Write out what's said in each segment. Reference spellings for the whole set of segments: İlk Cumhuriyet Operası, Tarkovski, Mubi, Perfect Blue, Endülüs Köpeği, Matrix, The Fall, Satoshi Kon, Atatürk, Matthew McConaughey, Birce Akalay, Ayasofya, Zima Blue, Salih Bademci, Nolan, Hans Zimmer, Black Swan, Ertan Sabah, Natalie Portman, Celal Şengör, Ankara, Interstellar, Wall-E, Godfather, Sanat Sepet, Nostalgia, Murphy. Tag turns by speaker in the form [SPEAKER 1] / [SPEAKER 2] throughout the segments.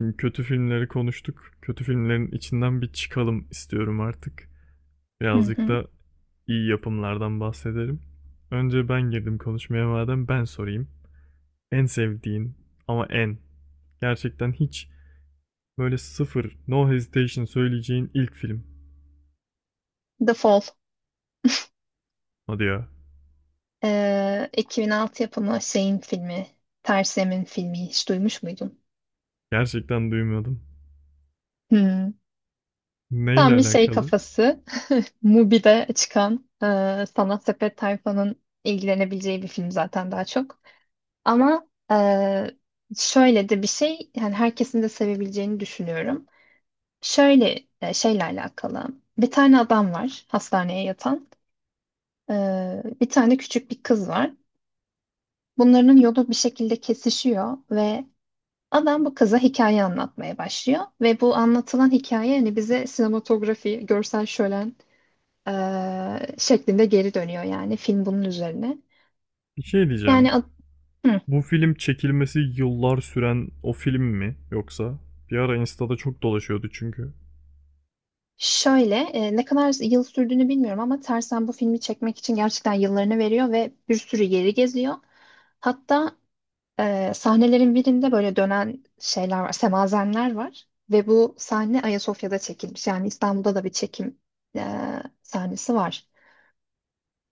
[SPEAKER 1] Şimdi kötü filmleri konuştuk. Kötü filmlerin içinden bir çıkalım istiyorum artık.
[SPEAKER 2] Hı
[SPEAKER 1] Birazcık
[SPEAKER 2] hı.
[SPEAKER 1] da iyi yapımlardan bahsedelim. Önce ben girdim konuşmaya madem ben sorayım. En sevdiğin ama en gerçekten hiç böyle sıfır no hesitation söyleyeceğin ilk film.
[SPEAKER 2] The Fall.
[SPEAKER 1] Hadi ya.
[SPEAKER 2] 2006 yapımı şeyin filmi. Tersem'in filmi. Hiç duymuş muydun?
[SPEAKER 1] Gerçekten duymuyordum.
[SPEAKER 2] Hmm.
[SPEAKER 1] Neyle
[SPEAKER 2] Tam bir şey
[SPEAKER 1] alakalı?
[SPEAKER 2] kafası. Mubi'de çıkan Sanat Sepet tayfanın ilgilenebileceği bir film zaten daha çok. Ama şöyle de bir şey. Yani herkesin de sevebileceğini düşünüyorum. Şöyle şeyle alakalı. Bir tane adam var hastaneye yatan. E, bir tane küçük bir kız var. Bunların yolu bir şekilde kesişiyor ve adam bu kıza hikaye anlatmaya başlıyor ve bu anlatılan hikaye hani bize sinematografi, görsel şölen şeklinde geri dönüyor yani film bunun üzerine.
[SPEAKER 1] Bir şey diyeceğim.
[SPEAKER 2] Yani ad- hı,
[SPEAKER 1] Bu film çekilmesi yıllar süren o film mi yoksa? Bir ara Insta'da çok dolaşıyordu çünkü.
[SPEAKER 2] şöyle ne kadar yıl sürdüğünü bilmiyorum ama Tersen bu filmi çekmek için gerçekten yıllarını veriyor ve bir sürü yeri geziyor. Hatta sahnelerin birinde böyle dönen şeyler var, semazenler var ve bu sahne Ayasofya'da çekilmiş. Yani İstanbul'da da bir çekim e, sahnesi var.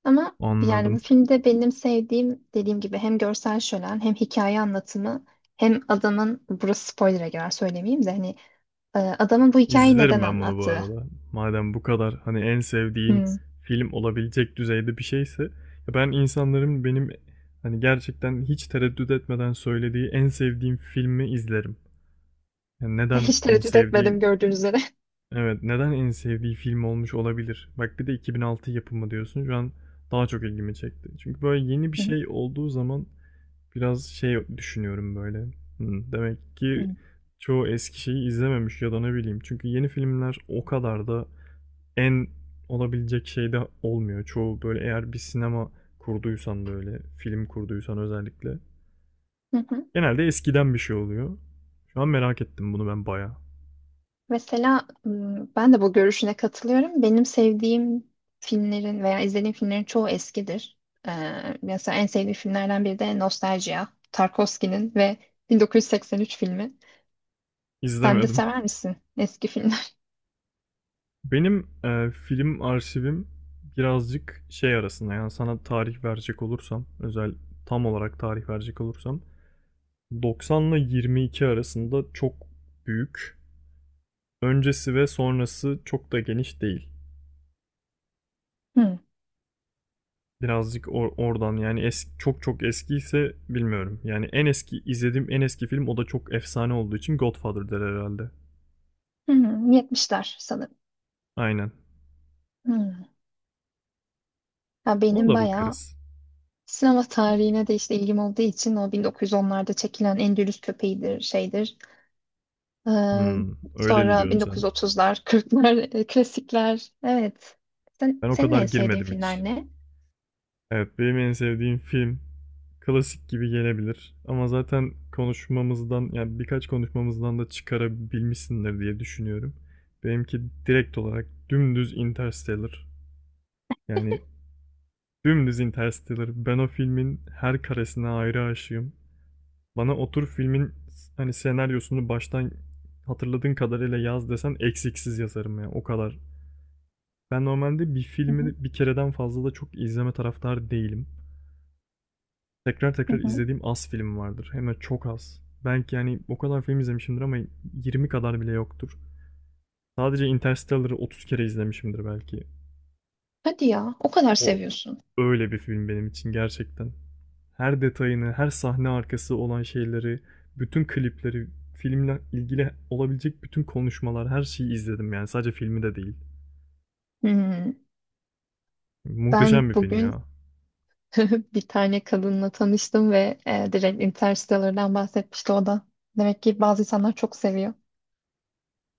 [SPEAKER 2] Ama yani bu
[SPEAKER 1] Anladım.
[SPEAKER 2] filmde benim sevdiğim dediğim gibi hem görsel şölen hem hikaye anlatımı hem adamın burası spoiler'a girer söylemeyeyim de hani adamın bu hikayeyi neden
[SPEAKER 1] İzlerim ben bunu bu
[SPEAKER 2] anlattığı.
[SPEAKER 1] arada. Madem bu kadar hani en sevdiğin
[SPEAKER 2] Hı.
[SPEAKER 1] film olabilecek düzeyde bir şeyse ya ben insanların benim hani gerçekten hiç tereddüt etmeden söylediği en sevdiğim filmi izlerim. Yani neden
[SPEAKER 2] Hiç
[SPEAKER 1] en
[SPEAKER 2] tereddüt
[SPEAKER 1] sevdiği.
[SPEAKER 2] etmedim gördüğünüz üzere.
[SPEAKER 1] Evet, neden en sevdiği film olmuş olabilir? Bak bir de 2006 yapımı diyorsun. Şu an daha çok ilgimi çekti. Çünkü böyle yeni bir
[SPEAKER 2] Hı.
[SPEAKER 1] şey olduğu zaman biraz şey düşünüyorum böyle. Hmm, demek
[SPEAKER 2] Hı.
[SPEAKER 1] ki çoğu eski şeyi izlememiş ya da ne bileyim. Çünkü yeni filmler o kadar da en olabilecek şey de olmuyor. Çoğu böyle eğer bir sinema kurduysan böyle film kurduysan özellikle.
[SPEAKER 2] Hı hı.
[SPEAKER 1] Genelde eskiden bir şey oluyor. Şu an merak ettim bunu ben bayağı.
[SPEAKER 2] Mesela ben de bu görüşüne katılıyorum. Benim sevdiğim filmlerin veya izlediğim filmlerin çoğu eskidir. Ee, mesela en sevdiğim filmlerden biri de Nostalgia, Tarkovski'nin ve 1983 filmi. Sen de
[SPEAKER 1] İzlemedim.
[SPEAKER 2] sever misin eski filmler?
[SPEAKER 1] Benim film arşivim birazcık şey arasında yani sana tarih verecek olursam özel tam olarak tarih verecek olursam 90 ile 22 arasında çok büyük. Öncesi ve sonrası çok da geniş değil.
[SPEAKER 2] Hı.
[SPEAKER 1] Birazcık oradan yani çok çok eskiyse bilmiyorum. Yani en eski izlediğim en eski film o da çok efsane olduğu için Godfather der herhalde.
[SPEAKER 2] Hmm, 70'ler sanırım.
[SPEAKER 1] Aynen.
[SPEAKER 2] Hmm. Ya
[SPEAKER 1] Ona
[SPEAKER 2] benim
[SPEAKER 1] da
[SPEAKER 2] bayağı
[SPEAKER 1] bakarız.
[SPEAKER 2] sinema tarihine de işte ilgim olduğu için o 1910'larda çekilen Endülüs Köpeği'dir, şeydir. Ee,
[SPEAKER 1] Hmm,
[SPEAKER 2] sonra
[SPEAKER 1] öyleli diyorsun sen.
[SPEAKER 2] 1930'lar, 40'lar, klasikler. Evet.
[SPEAKER 1] Ben o
[SPEAKER 2] Senin
[SPEAKER 1] kadar
[SPEAKER 2] en sevdiğin
[SPEAKER 1] girmedim hiç.
[SPEAKER 2] filmler ne?
[SPEAKER 1] Evet, benim en sevdiğim film klasik gibi gelebilir. Ama zaten konuşmamızdan yani birkaç konuşmamızdan da çıkarabilmişsindir diye düşünüyorum. Benimki direkt olarak dümdüz Interstellar. Yani dümdüz Interstellar. Ben o filmin her karesine ayrı aşığım. Bana otur filmin hani senaryosunu baştan hatırladığın kadarıyla yaz desen eksiksiz yazarım ya o kadar. Ben normalde bir
[SPEAKER 2] Hı hı.
[SPEAKER 1] filmi bir kereden fazla da çok izleme taraftarı değilim. Tekrar
[SPEAKER 2] Hı
[SPEAKER 1] tekrar
[SPEAKER 2] hı.
[SPEAKER 1] izlediğim az film vardır. Hem de çok az. Belki yani o kadar film izlemişimdir ama 20 kadar bile yoktur. Sadece Interstellar'ı 30 kere izlemişimdir belki.
[SPEAKER 2] Hadi ya, o kadar
[SPEAKER 1] O
[SPEAKER 2] seviyorsun.
[SPEAKER 1] öyle bir film benim için gerçekten. Her detayını, her sahne arkası olan şeyleri, bütün klipleri, filmle ilgili olabilecek bütün konuşmalar, her şeyi izledim yani sadece filmi de değil.
[SPEAKER 2] Hmm. Ben
[SPEAKER 1] Muhteşem bir film ya.
[SPEAKER 2] bugün bir tane kadınla tanıştım ve direkt Interstellar'dan bahsetmişti o da. Demek ki bazı insanlar çok seviyor.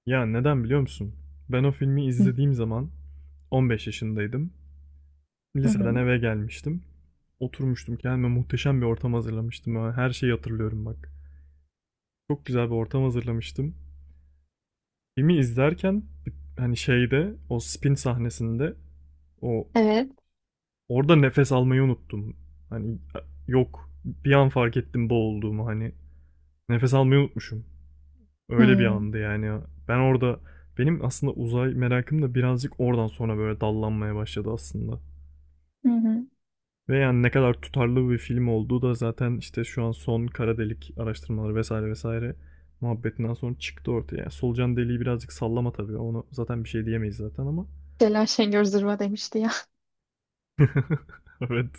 [SPEAKER 1] Ya neden biliyor musun? Ben o filmi izlediğim zaman 15 yaşındaydım.
[SPEAKER 2] Hı
[SPEAKER 1] Liseden
[SPEAKER 2] hı.
[SPEAKER 1] eve gelmiştim. Oturmuştum, kendime muhteşem bir ortam hazırlamıştım. Ha, her şeyi hatırlıyorum bak. Çok güzel bir ortam hazırlamıştım. Filmi izlerken hani şeyde o spin sahnesinde o
[SPEAKER 2] Evet.
[SPEAKER 1] Orada nefes almayı unuttum. Hani yok bir an fark ettim boğulduğumu hani. Nefes almayı unutmuşum. Öyle bir
[SPEAKER 2] Hmm.
[SPEAKER 1] andı yani. Ben orada benim aslında uzay merakım da birazcık oradan sonra böyle dallanmaya başladı aslında.
[SPEAKER 2] Hı hı.
[SPEAKER 1] Ve yani ne kadar tutarlı bir film olduğu da zaten işte şu an son kara delik araştırmaları vesaire vesaire muhabbetinden sonra çıktı ortaya. Yani solucan deliği birazcık sallama tabii. Onu zaten bir şey diyemeyiz zaten ama
[SPEAKER 2] Celal Şengör zırva demişti ya.
[SPEAKER 1] evet.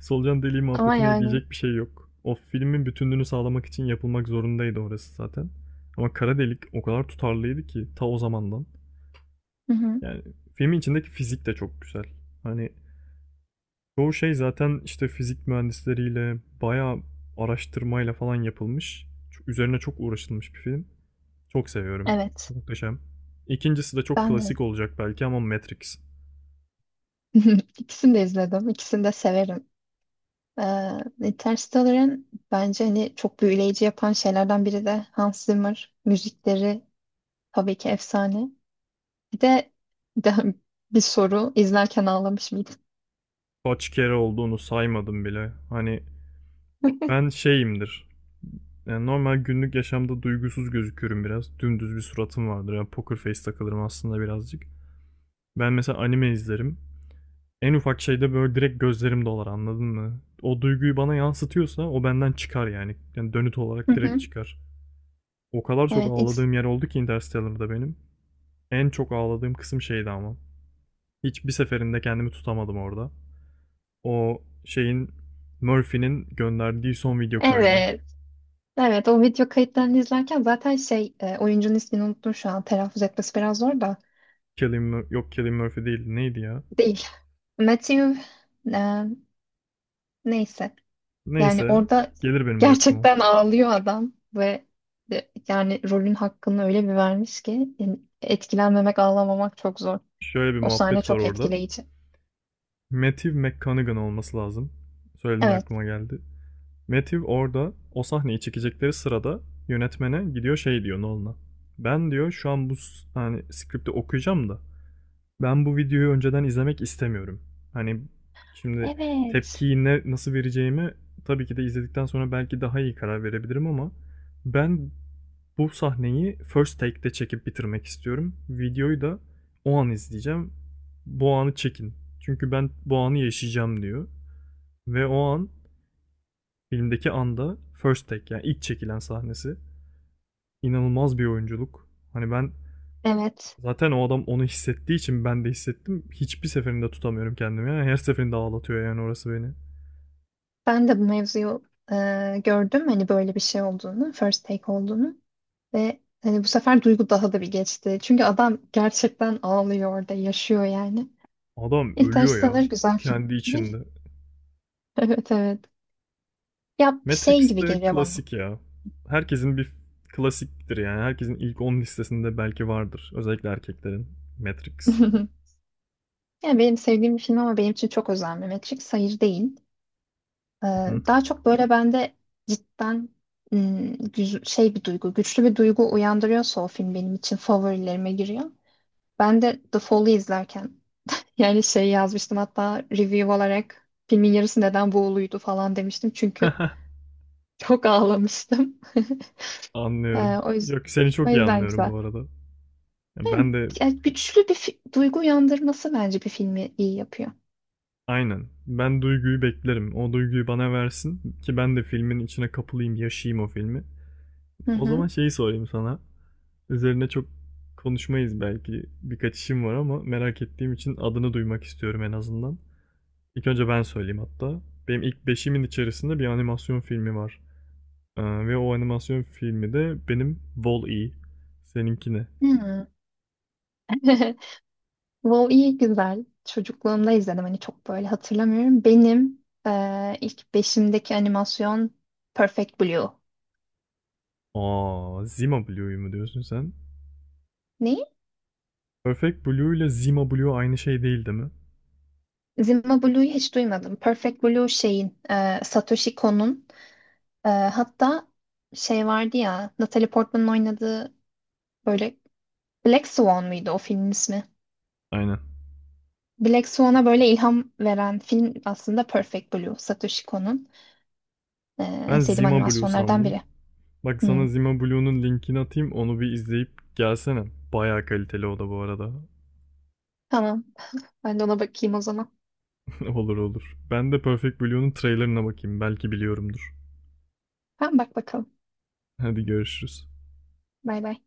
[SPEAKER 1] Solucan deliği
[SPEAKER 2] Ama
[SPEAKER 1] muhabbetine
[SPEAKER 2] yani
[SPEAKER 1] diyecek bir şey yok. O filmin bütünlüğünü sağlamak için yapılmak zorundaydı orası zaten. Ama kara delik o kadar tutarlıydı ki ta o zamandan.
[SPEAKER 2] hı hı.
[SPEAKER 1] Yani filmin içindeki fizik de çok güzel. Hani çoğu şey zaten işte fizik mühendisleriyle bayağı araştırmayla falan yapılmış. Üzerine çok uğraşılmış bir film. Çok seviyorum.
[SPEAKER 2] Evet.
[SPEAKER 1] Muhteşem. İkincisi de çok
[SPEAKER 2] Ben de
[SPEAKER 1] klasik olacak belki ama Matrix.
[SPEAKER 2] ikisini de izledim. İkisini de severim. Interstellar'ın bence hani çok büyüleyici yapan şeylerden biri de Hans Zimmer. Müzikleri tabii ki efsane. Bir de, bir de bir soru izlerken ağlamış mıydın?
[SPEAKER 1] Kaç kere olduğunu saymadım bile. Hani ben şeyimdir. Yani normal günlük yaşamda duygusuz gözüküyorum biraz. Dümdüz bir suratım vardır. Yani poker face takılırım aslında birazcık. Ben mesela anime izlerim. En ufak şeyde böyle direkt gözlerim dolar, anladın mı? O duyguyu bana yansıtıyorsa o benden çıkar yani. Yani dönüt
[SPEAKER 2] Hı
[SPEAKER 1] olarak direkt
[SPEAKER 2] hı.
[SPEAKER 1] çıkar. O kadar çok
[SPEAKER 2] Evet, is-
[SPEAKER 1] ağladığım yer oldu ki Interstellar'da benim. En çok ağladığım kısım şeydi ama. Hiçbir seferinde kendimi tutamadım orada. O şeyin Murphy'nin gönderdiği son video kaydı.
[SPEAKER 2] evet, evet. O video kayıtlarını izlerken zaten şey oyuncunun ismini unuttum şu an. Telaffuz etmesi biraz zor da
[SPEAKER 1] Killing, yok Killing Murphy değil, neydi ya?
[SPEAKER 2] değil. Matthew e, neyse. Yani
[SPEAKER 1] Neyse,
[SPEAKER 2] orada
[SPEAKER 1] gelir benim de aklıma.
[SPEAKER 2] gerçekten ağlıyor adam ve yani rolün hakkını öyle bir vermiş ki yani etkilenmemek, ağlamamak çok zor.
[SPEAKER 1] Şöyle bir
[SPEAKER 2] O sahne
[SPEAKER 1] muhabbet var
[SPEAKER 2] çok
[SPEAKER 1] orada.
[SPEAKER 2] etkileyici.
[SPEAKER 1] Matthew McConaughey olması lazım. Söylediğinde
[SPEAKER 2] Evet,
[SPEAKER 1] aklıma geldi. Matthew orada o sahneyi çekecekleri sırada yönetmene gidiyor, şey diyor Nolan'a. Ben diyor şu an bu hani skripti okuyacağım da ben bu videoyu önceden izlemek istemiyorum. Hani şimdi
[SPEAKER 2] evet.
[SPEAKER 1] tepkiyi ne, nasıl vereceğimi tabii ki de izledikten sonra belki daha iyi karar verebilirim ama ben bu sahneyi first take'de çekip bitirmek istiyorum. Videoyu da o an izleyeceğim. Bu anı çekin. Çünkü ben bu anı yaşayacağım diyor. Ve o an filmdeki anda first take yani ilk çekilen sahnesi. İnanılmaz bir oyunculuk. Hani ben
[SPEAKER 2] Evet.
[SPEAKER 1] zaten o adam onu hissettiği için ben de hissettim. Hiçbir seferinde tutamıyorum kendimi. Yani her seferinde ağlatıyor yani orası beni.
[SPEAKER 2] Ben de bu mevzuyu gördüm. Hani böyle bir şey olduğunu, first take olduğunu ve hani bu sefer duygu daha da bir geçti. Çünkü adam gerçekten ağlıyor orada, yaşıyor yani.
[SPEAKER 1] Adam ölüyor
[SPEAKER 2] Interstellar
[SPEAKER 1] ya
[SPEAKER 2] güzel film.
[SPEAKER 1] kendi içinde.
[SPEAKER 2] Evet, evet. Ya şey
[SPEAKER 1] Matrix
[SPEAKER 2] gibi
[SPEAKER 1] de
[SPEAKER 2] geliyor bana.
[SPEAKER 1] klasik ya. Herkesin bir klasiktir yani. Herkesin ilk 10 listesinde belki vardır. Özellikle erkeklerin. Matrix.
[SPEAKER 2] Yani benim sevdiğim bir film ama benim için çok özel Mehmetçik. Hayır değil. Ee, daha çok böyle bende cidden şey bir duygu, güçlü bir duygu uyandırıyorsa o film benim için favorilerime giriyor. Ben de The Fall'ı izlerken yani şey yazmıştım hatta review olarak filmin yarısı neden buğuluydu falan demiştim. Çünkü çok ağlamıştım. Ee,
[SPEAKER 1] Anlıyorum.
[SPEAKER 2] o yüzden,
[SPEAKER 1] Yok, seni
[SPEAKER 2] o
[SPEAKER 1] çok iyi
[SPEAKER 2] yüzden
[SPEAKER 1] anlıyorum
[SPEAKER 2] güzel.
[SPEAKER 1] bu arada. Ya
[SPEAKER 2] Yani,
[SPEAKER 1] ben de
[SPEAKER 2] yani güçlü bir duygu uyandırması bence bir filmi iyi yapıyor.
[SPEAKER 1] aynen. Ben duyguyu beklerim. O duyguyu bana versin ki ben de filmin içine kapılayım, yaşayayım o filmi.
[SPEAKER 2] Hı
[SPEAKER 1] O zaman
[SPEAKER 2] hı.
[SPEAKER 1] şeyi sorayım sana. Üzerine çok konuşmayız belki. Birkaç işim var ama merak ettiğim için adını duymak istiyorum en azından. İlk önce ben söyleyeyim hatta. Benim ilk beşimin içerisinde bir animasyon filmi var. Ve o animasyon filmi de benim Wall-E. Seninki ne?
[SPEAKER 2] Hı. WoW iyi güzel. Çocukluğumda izledim. Hani çok böyle hatırlamıyorum. Benim ilk beşimdeki animasyon Perfect Blue.
[SPEAKER 1] Aa, Zima Blue'yu mu diyorsun sen?
[SPEAKER 2] Ne?
[SPEAKER 1] Perfect Blue ile Zima Blue aynı şey değil değil mi?
[SPEAKER 2] Zima Blue'yu hiç duymadım. Perfect Blue şeyin Satoshi Kon'un hatta şey vardı ya Natalie Portman'ın oynadığı böyle Black Swan mıydı o filmin ismi?
[SPEAKER 1] Aynen.
[SPEAKER 2] Black Swan'a böyle ilham veren film aslında Perfect Blue. Satoshi Kon'un eee, en
[SPEAKER 1] Ben
[SPEAKER 2] sevdiğim
[SPEAKER 1] Zima Blue
[SPEAKER 2] animasyonlardan
[SPEAKER 1] sandım.
[SPEAKER 2] biri.
[SPEAKER 1] Bak sana
[SPEAKER 2] Hmm.
[SPEAKER 1] Zima Blue'nun linkini atayım, onu bir izleyip gelsene. Bayağı kaliteli o da bu arada.
[SPEAKER 2] Tamam. Ben de ona bakayım o zaman.
[SPEAKER 1] Olur olur. Ben de Perfect Blue'nun trailerına bakayım, belki biliyorumdur.
[SPEAKER 2] Tamam bak bakalım.
[SPEAKER 1] Hadi görüşürüz.
[SPEAKER 2] Bay bay.